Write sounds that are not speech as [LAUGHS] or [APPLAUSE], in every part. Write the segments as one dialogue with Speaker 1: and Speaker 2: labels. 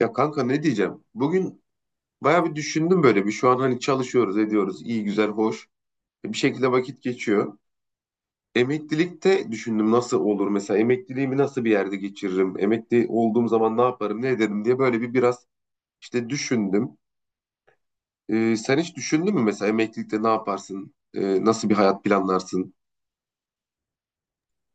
Speaker 1: Ya kanka, ne diyeceğim? Bugün bayağı bir düşündüm böyle, bir şu an hani çalışıyoruz ediyoruz, iyi güzel hoş. E, bir şekilde vakit geçiyor. Emeklilikte düşündüm, nasıl olur mesela, emekliliğimi nasıl bir yerde geçiririm? Emekli olduğum zaman ne yaparım ne ederim diye böyle bir biraz işte düşündüm. Sen hiç düşündün mü mesela emeklilikte ne yaparsın? Nasıl bir hayat planlarsın?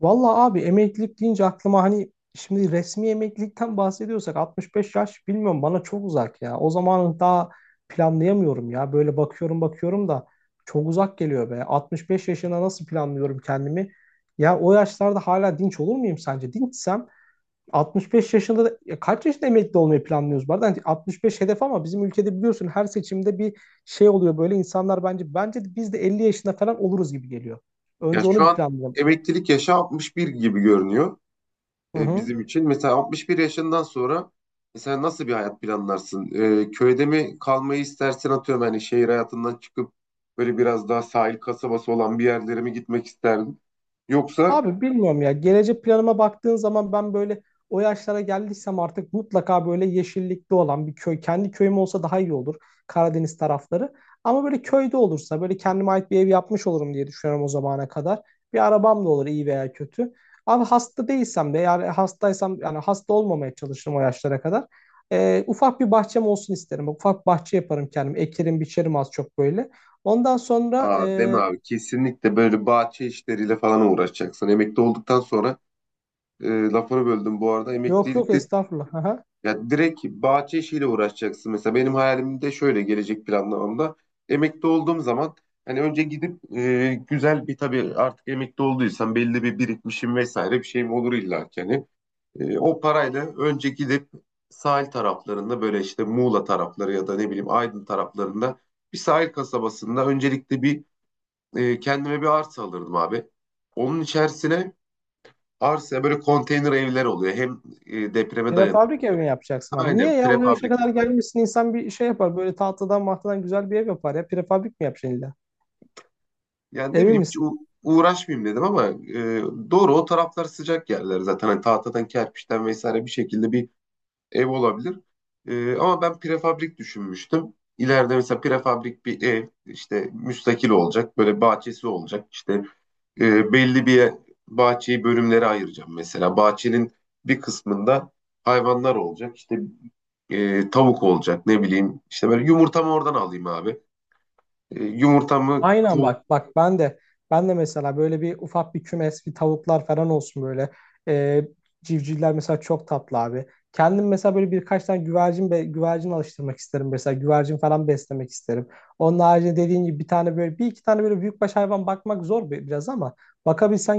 Speaker 2: Vallahi abi emeklilik deyince aklıma hani şimdi resmi emeklilikten bahsediyorsak 65 yaş bilmiyorum bana çok uzak ya. O zamanı daha planlayamıyorum ya. Böyle bakıyorum bakıyorum da çok uzak geliyor be. 65 yaşına nasıl planlıyorum kendimi? Ya o yaşlarda hala dinç olur muyum sence? Dinçsem 65 yaşında da ya kaç yaşında emekli olmayı planlıyoruz? Bu arada hani 65 hedef ama bizim ülkede biliyorsun her seçimde bir şey oluyor böyle insanlar bence de biz de 50 yaşında falan oluruz gibi geliyor.
Speaker 1: Ya,
Speaker 2: Önce
Speaker 1: şu
Speaker 2: onu bir
Speaker 1: an
Speaker 2: planlayalım.
Speaker 1: emeklilik yaşı 61 gibi görünüyor,
Speaker 2: Hı hı.
Speaker 1: bizim için. Mesela 61 yaşından sonra mesela nasıl bir hayat planlarsın? Köyde mi kalmayı istersin, atıyorum hani şehir hayatından çıkıp böyle biraz daha sahil kasabası olan bir yerlere mi gitmek isterdin? Yoksa...
Speaker 2: Abi bilmiyorum ya. Gelecek planıma baktığın zaman ben böyle o yaşlara geldiysem artık mutlaka böyle yeşillikli olan bir köy. Kendi köyüm olsa daha iyi olur. Karadeniz tarafları. Ama böyle köyde olursa böyle kendime ait bir ev yapmış olurum diye düşünüyorum o zamana kadar. Bir arabam da olur iyi veya kötü. Abi hasta değilsem de yani hastaysam yani hasta olmamaya çalışırım o yaşlara kadar. Ufak bir bahçem olsun isterim. Ufak bir bahçe yaparım kendim. Ekerim, biçerim az çok böyle. Ondan sonra
Speaker 1: Aa, deme abi, kesinlikle böyle bahçe işleriyle falan uğraşacaksın emekli olduktan sonra. Lafını böldüm bu arada.
Speaker 2: yok
Speaker 1: Emeklilik...
Speaker 2: yok, estağfurullah. [LAUGHS]
Speaker 1: Ya, direkt bahçe işiyle uğraşacaksın. Mesela benim hayalimde şöyle, gelecek planlamamda: emekli olduğum zaman hani önce gidip güzel bir, tabii artık emekli olduysam belli bir birikmişim vesaire bir şeyim olur illa ki hani. O parayla önce gidip sahil taraflarında böyle işte Muğla tarafları ya da ne bileyim Aydın taraflarında bir sahil kasabasında öncelikle bir kendime bir arsa alırdım abi. Onun içerisine, arsa böyle konteyner evler oluyor. Hem depreme dayanıklı.
Speaker 2: Prefabrik ev mi yapacaksın abi? Niye
Speaker 1: Aynen,
Speaker 2: ya? O yaşa
Speaker 1: prefabrik.
Speaker 2: kadar gelmişsin insan bir şey yapar. Böyle tahtadan mahtadan güzel bir ev yapar ya. Prefabrik mi yapacaksın illa?
Speaker 1: Yani ne
Speaker 2: Emin
Speaker 1: bileyim, hiç
Speaker 2: misin?
Speaker 1: uğraşmayayım dedim ama doğru, o taraflar sıcak yerler zaten. Hani tahtadan, kerpiçten vesaire bir şekilde bir ev olabilir. Ama ben prefabrik düşünmüştüm. İleride mesela prefabrik bir ev işte müstakil olacak. Böyle bahçesi olacak. İşte belli bir bahçeyi bölümlere ayıracağım mesela. Bahçenin bir kısmında hayvanlar olacak. İşte tavuk olacak ne bileyim. İşte böyle yumurtamı oradan alayım abi. Yumurtamı.
Speaker 2: Aynen bak bak ben de mesela böyle bir ufak bir kümes bir tavuklar falan olsun böyle. Ee, Civcivler mesela çok tatlı abi. Kendim mesela böyle birkaç tane güvercin be, güvercin alıştırmak isterim mesela güvercin falan beslemek isterim. Onun haricinde dediğin gibi bir tane böyle bir iki tane böyle büyükbaş hayvan bakmak zor biraz ama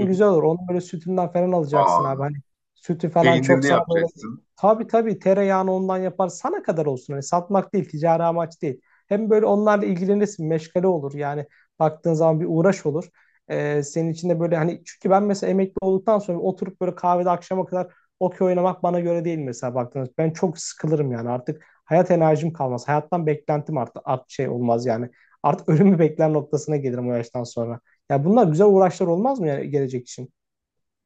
Speaker 1: Hı hı.
Speaker 2: güzel olur. Onun böyle sütünden falan alacaksın
Speaker 1: Aa,
Speaker 2: abi hani sütü falan çok
Speaker 1: peynirini
Speaker 2: sana böyle
Speaker 1: yapacaksın.
Speaker 2: tabii tabii tereyağını ondan yapar sana kadar olsun hani satmak değil ticari amaç değil. Hem böyle onlarla ilgilenirsin, meşgale olur. Yani baktığın zaman bir uğraş olur. Senin için de böyle hani çünkü ben mesela emekli olduktan sonra oturup böyle kahvede akşama kadar okey oynamak bana göre değil mesela baktığınız. Ben çok sıkılırım yani artık hayat enerjim kalmaz. Hayattan beklentim art, art şey olmaz yani. Artık ölümü bekler noktasına gelirim o yaştan sonra. Ya bunlar güzel uğraşlar olmaz mı yani gelecek için?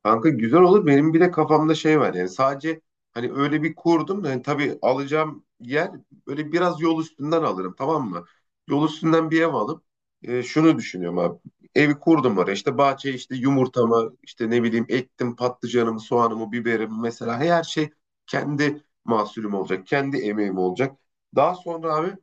Speaker 1: Kanka, güzel olur. Benim bir de kafamda şey var, yani sadece hani öyle bir kurdum da, hani tabii alacağım yer böyle biraz yol üstünden alırım, tamam mı? Yol üstünden bir ev alıp şunu düşünüyorum abi. Evi kurdum oraya, işte bahçeye işte yumurtamı, işte ne bileyim ektim patlıcanımı, soğanımı, biberimi, mesela her şey kendi mahsulüm olacak, kendi emeğim olacak. Daha sonra abi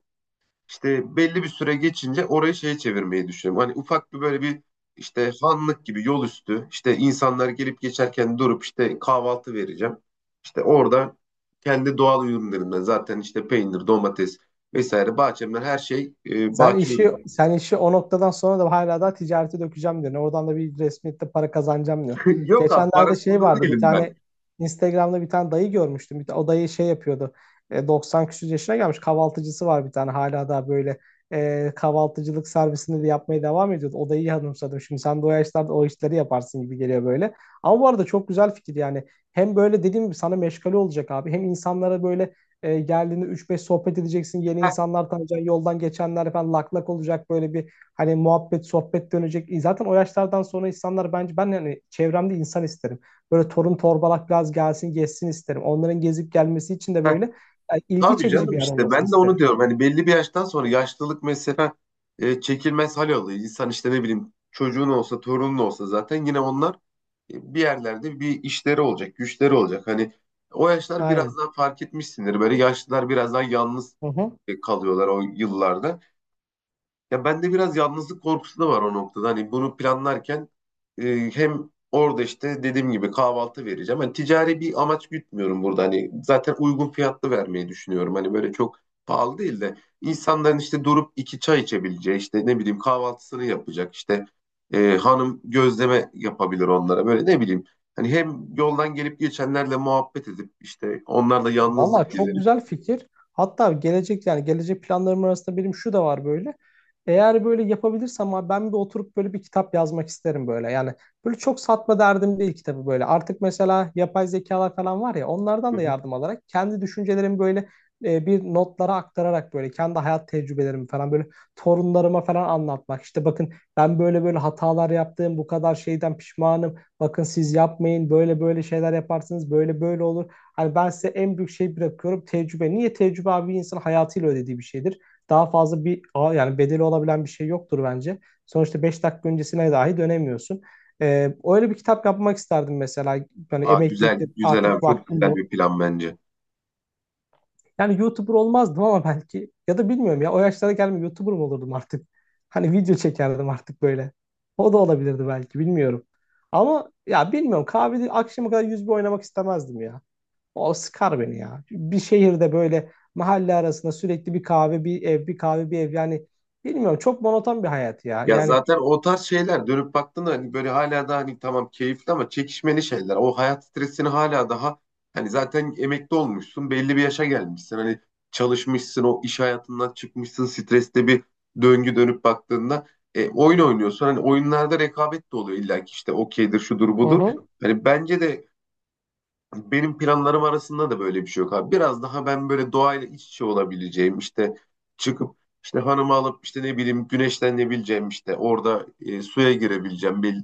Speaker 1: işte belli bir süre geçince orayı şeye çevirmeyi düşünüyorum. Hani ufak bir böyle bir işte hanlık gibi, yol üstü işte insanlar gelip geçerken durup işte kahvaltı vereceğim. İşte orada kendi doğal ürünlerimden, zaten işte peynir, domates vesaire bahçemden her şey,
Speaker 2: Sen
Speaker 1: bahçe
Speaker 2: işi
Speaker 1: ürünü.
Speaker 2: sen işi o noktadan sonra da hala daha ticarete dökeceğim diyor. Oradan da bir resmiyette para kazanacağım diyor.
Speaker 1: [LAUGHS] Yok abi,
Speaker 2: Geçenlerde şey
Speaker 1: parasında
Speaker 2: vardı bir
Speaker 1: değilim ben.
Speaker 2: tane Instagram'da bir tane dayı görmüştüm. O dayı şey yapıyordu. 90 küsur yaşına gelmiş kahvaltıcısı var bir tane hala daha böyle kahvaltıcılık servisini de yapmaya devam ediyordu. O dayıyı hanımsadım. Şimdi sen de o yaşlarda o işleri yaparsın gibi geliyor böyle. Ama bu arada çok güzel fikir yani. Hem böyle dediğim gibi sana meşgale olacak abi. Hem insanlara böyle geldiğinde 3-5 sohbet edeceksin. Yeni
Speaker 1: Heh,
Speaker 2: insanlar tanıyacaksın. Yoldan geçenler falan lak lak olacak. Böyle bir hani muhabbet, sohbet dönecek. Zaten o yaşlardan sonra insanlar bence ben yani çevremde insan isterim. Böyle torun torbalak biraz gelsin, gezsin isterim. Onların gezip gelmesi için de
Speaker 1: heh.
Speaker 2: böyle yani ilgi
Speaker 1: Tabii
Speaker 2: çekici bir
Speaker 1: canım,
Speaker 2: yer
Speaker 1: işte
Speaker 2: olmasını
Speaker 1: ben de onu
Speaker 2: isterim.
Speaker 1: diyorum. Hani belli bir yaştan sonra yaşlılık mesela çekilmez hal oluyor. İnsan işte ne bileyim, çocuğun olsa torunun olsa zaten yine onlar bir yerlerde bir işleri olacak, güçleri olacak. Hani o yaşlar biraz
Speaker 2: Aynen.
Speaker 1: daha fark etmişsindir. Böyle yaşlılar biraz daha yalnız
Speaker 2: Hı hı.
Speaker 1: kalıyorlar o yıllarda. Ya, bende biraz yalnızlık korkusu da var o noktada. Hani bunu planlarken hem orada işte dediğim gibi kahvaltı vereceğim. Hani ticari bir amaç gütmüyorum burada. Hani zaten uygun fiyatlı vermeyi düşünüyorum. Hani böyle çok pahalı değil de insanların işte durup iki çay içebileceği, işte ne bileyim kahvaltısını yapacak, işte hanım gözleme yapabilir onlara böyle, ne bileyim. Hani hem yoldan gelip geçenlerle muhabbet edip işte, onlarla
Speaker 2: Valla
Speaker 1: yalnızlık
Speaker 2: çok
Speaker 1: giderip.
Speaker 2: güzel fikir. Hatta gelecek yani gelecek planlarım arasında benim şu da var böyle. Eğer böyle yapabilirsem abi ben bir oturup böyle bir kitap yazmak isterim böyle. Yani böyle çok satma derdim değil kitabı böyle. Artık mesela yapay zekalar falan var ya
Speaker 1: Hı
Speaker 2: onlardan da
Speaker 1: hı.
Speaker 2: yardım alarak kendi düşüncelerimi böyle bir notlara aktararak böyle kendi hayat tecrübelerimi falan böyle torunlarıma falan anlatmak. İşte bakın ben böyle böyle hatalar yaptım bu kadar şeyden pişmanım. Bakın siz yapmayın böyle böyle şeyler yaparsınız böyle böyle olur. Hani ben size en büyük şey bırakıyorum tecrübe. Niye tecrübe abi bir insanın hayatıyla ödediği bir şeydir. Daha fazla bir yani bedeli olabilen bir şey yoktur bence. Sonuçta 5 dakika öncesine dahi dönemiyorsun. Öyle bir kitap yapmak isterdim mesela. Yani
Speaker 1: Aa,
Speaker 2: emeklilikte
Speaker 1: güzel güzel abi,
Speaker 2: artık
Speaker 1: çok
Speaker 2: vaktim
Speaker 1: güzel
Speaker 2: yok.
Speaker 1: bir plan bence.
Speaker 2: Yani YouTuber olmazdım ama belki ya da bilmiyorum ya o yaşlara gelme YouTuber mı olurdum artık? Hani video çekerdim artık böyle. O da olabilirdi belki bilmiyorum. Ama ya bilmiyorum kahvede akşama kadar yüz bir oynamak istemezdim ya. O sıkar beni ya. Bir şehirde böyle mahalle arasında sürekli bir kahve, bir ev, bir kahve, bir ev. Yani bilmiyorum çok monoton bir hayat ya.
Speaker 1: Ya,
Speaker 2: Yani.
Speaker 1: zaten o tarz şeyler dönüp baktığında hani böyle hala da, hani tamam keyifli ama çekişmeli şeyler. O hayat stresini hala daha hani zaten emekli olmuşsun, belli bir yaşa gelmişsin. Hani çalışmışsın, o iş hayatından çıkmışsın, streste bir döngü dönüp baktığında oyun oynuyorsun. Hani oyunlarda rekabet de oluyor illa ki, işte okeydir, şudur
Speaker 2: Hı
Speaker 1: budur.
Speaker 2: hı.
Speaker 1: Hani bence de benim planlarım arasında da böyle bir şey yok abi. Biraz daha ben böyle doğayla iç içe olabileceğim, işte çıkıp işte hanımı alıp, işte ne bileyim güneşlenebileceğim, işte orada suya girebileceğim bir,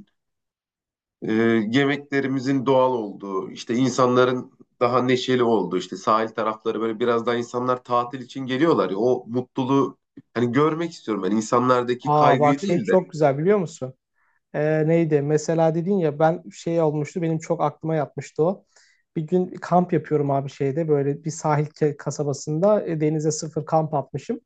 Speaker 1: e, yemeklerimizin doğal olduğu, işte insanların daha neşeli olduğu, işte sahil tarafları, böyle biraz daha insanlar tatil için geliyorlar ya, o mutluluğu hani görmek istiyorum ben, insanlardaki
Speaker 2: Aa, bak
Speaker 1: kaygıyı
Speaker 2: şey
Speaker 1: değil de.
Speaker 2: çok güzel biliyor musun? Neydi? Mesela dedin ya ben şey olmuştu benim çok aklıma yatmıştı o. Bir gün kamp yapıyorum abi şeyde böyle bir sahil kasabasında denize sıfır kamp atmışım.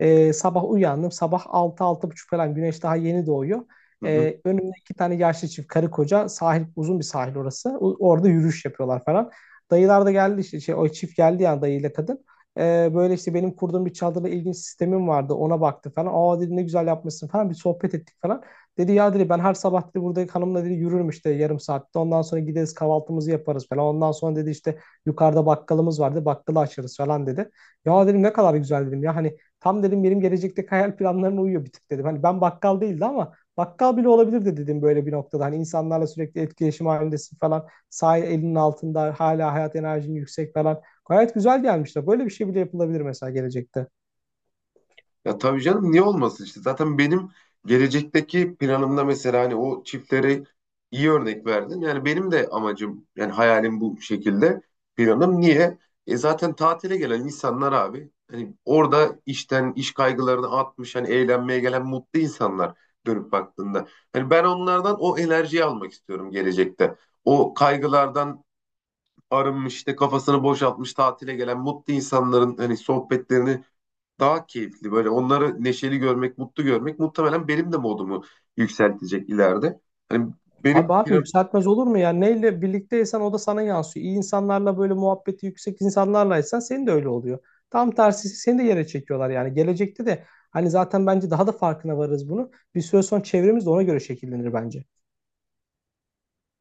Speaker 2: Sabah uyandım sabah altı altı buçuk falan güneş daha yeni doğuyor.
Speaker 1: Hı hı.
Speaker 2: Önümde iki tane yaşlı çift karı koca sahil uzun bir sahil orası. Orada yürüyüş yapıyorlar falan. Dayılar da geldi işte şey, o çift geldi yani dayıyla kadın. Böyle işte benim kurduğum bir çadırda ilginç sistemim vardı ona baktı falan. Aa dedi ne güzel yapmışsın falan bir sohbet ettik falan. Dedi ya dedi ben her sabah dedi buradaki hanımla dedi yürürüm işte yarım saatte. Ondan sonra gideriz kahvaltımızı yaparız falan. Ondan sonra dedi işte yukarıda bakkalımız vardı. Bakkalı açarız falan dedi. Ya dedim ne kadar güzel dedim. Ya hani tam dedim benim gelecekteki hayal planlarına uyuyor bir tık dedim. Hani ben bakkal değildi ama bakkal bile olabilirdi dedim böyle bir noktada. Hani insanlarla sürekli etkileşim halindesin falan. Sağ elinin altında hala hayat enerjin yüksek falan. Gayet güzel gelmişler. Böyle bir şey bile yapılabilir mesela gelecekte.
Speaker 1: Ya, tabii canım, niye olmasın işte. Zaten benim gelecekteki planımda mesela hani o çiftlere iyi örnek verdin. Yani benim de amacım, yani hayalim bu şekilde, planım. Niye? E, zaten tatile gelen insanlar abi, hani orada işten, iş kaygılarını atmış, hani eğlenmeye gelen mutlu insanlar dönüp baktığında. Hani ben onlardan o enerjiyi almak istiyorum gelecekte. O kaygılardan arınmış, işte kafasını boşaltmış tatile gelen mutlu insanların hani sohbetlerini daha keyifli, böyle onları neşeli görmek, mutlu görmek muhtemelen benim de modumu yükseltecek ileride. Hani benim
Speaker 2: Abi abi
Speaker 1: plan-.
Speaker 2: yükseltmez olur mu ya? Neyle birlikteysen o da sana yansıyor. İyi insanlarla böyle muhabbeti yüksek insanlarlaysan senin de öyle oluyor. Tam tersi seni de yere çekiyorlar yani. Gelecekte de hani zaten bence daha da farkına varırız bunu. Bir süre sonra çevremiz de ona göre şekillenir bence.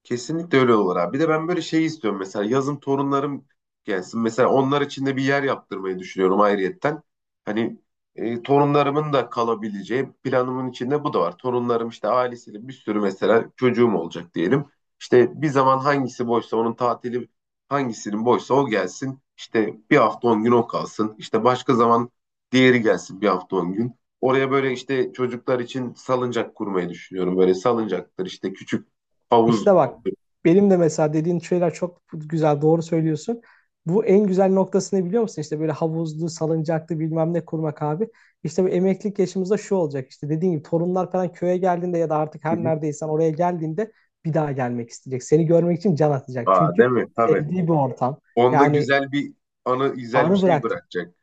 Speaker 1: Kesinlikle öyle olur abi. Bir de ben böyle şey istiyorum. Mesela yazın torunlarım gelsin. Mesela onlar için de bir yer yaptırmayı düşünüyorum ayrıyetten. Hani torunlarımın da kalabileceği planımın içinde bu da var. Torunlarım işte ailesiyle, bir sürü mesela çocuğum olacak diyelim. İşte bir zaman hangisi boşsa onun tatili, hangisinin boşsa o gelsin. İşte bir hafta 10 gün o kalsın. İşte başka zaman diğeri gelsin bir hafta 10 gün. Oraya böyle işte çocuklar için salıncak kurmayı düşünüyorum. Böyle salıncaktır, işte küçük havuz.
Speaker 2: İşte bak benim de mesela dediğin şeyler çok güzel doğru söylüyorsun. Bu en güzel noktasını biliyor musun? İşte böyle havuzlu, salıncaklı bilmem ne kurmak abi. İşte bu emeklilik yaşımızda şu olacak. İşte dediğin gibi torunlar falan köye geldiğinde ya da artık her
Speaker 1: Fizik.
Speaker 2: neredeysen oraya geldiğinde bir daha gelmek isteyecek. Seni görmek için can atacak.
Speaker 1: Aa,
Speaker 2: Çünkü
Speaker 1: değil mi? Tabii.
Speaker 2: sevdiği bir ortam.
Speaker 1: Onda
Speaker 2: Yani
Speaker 1: güzel bir anı, güzel bir
Speaker 2: anı
Speaker 1: şey
Speaker 2: bıraktı.
Speaker 1: bırakacak.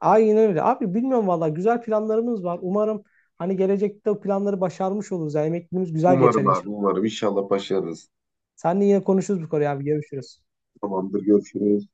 Speaker 2: Aynen öyle. Abi bilmiyorum valla güzel planlarımız var. Umarım hani gelecekte o planları başarmış oluruz. Yani emekliliğimiz güzel geçer
Speaker 1: Umarım abi,
Speaker 2: inşallah.
Speaker 1: umarım. İnşallah başarırız.
Speaker 2: Seninle yine konuşuruz bu konuyu abi. Görüşürüz.
Speaker 1: Tamamdır, görüşürüz.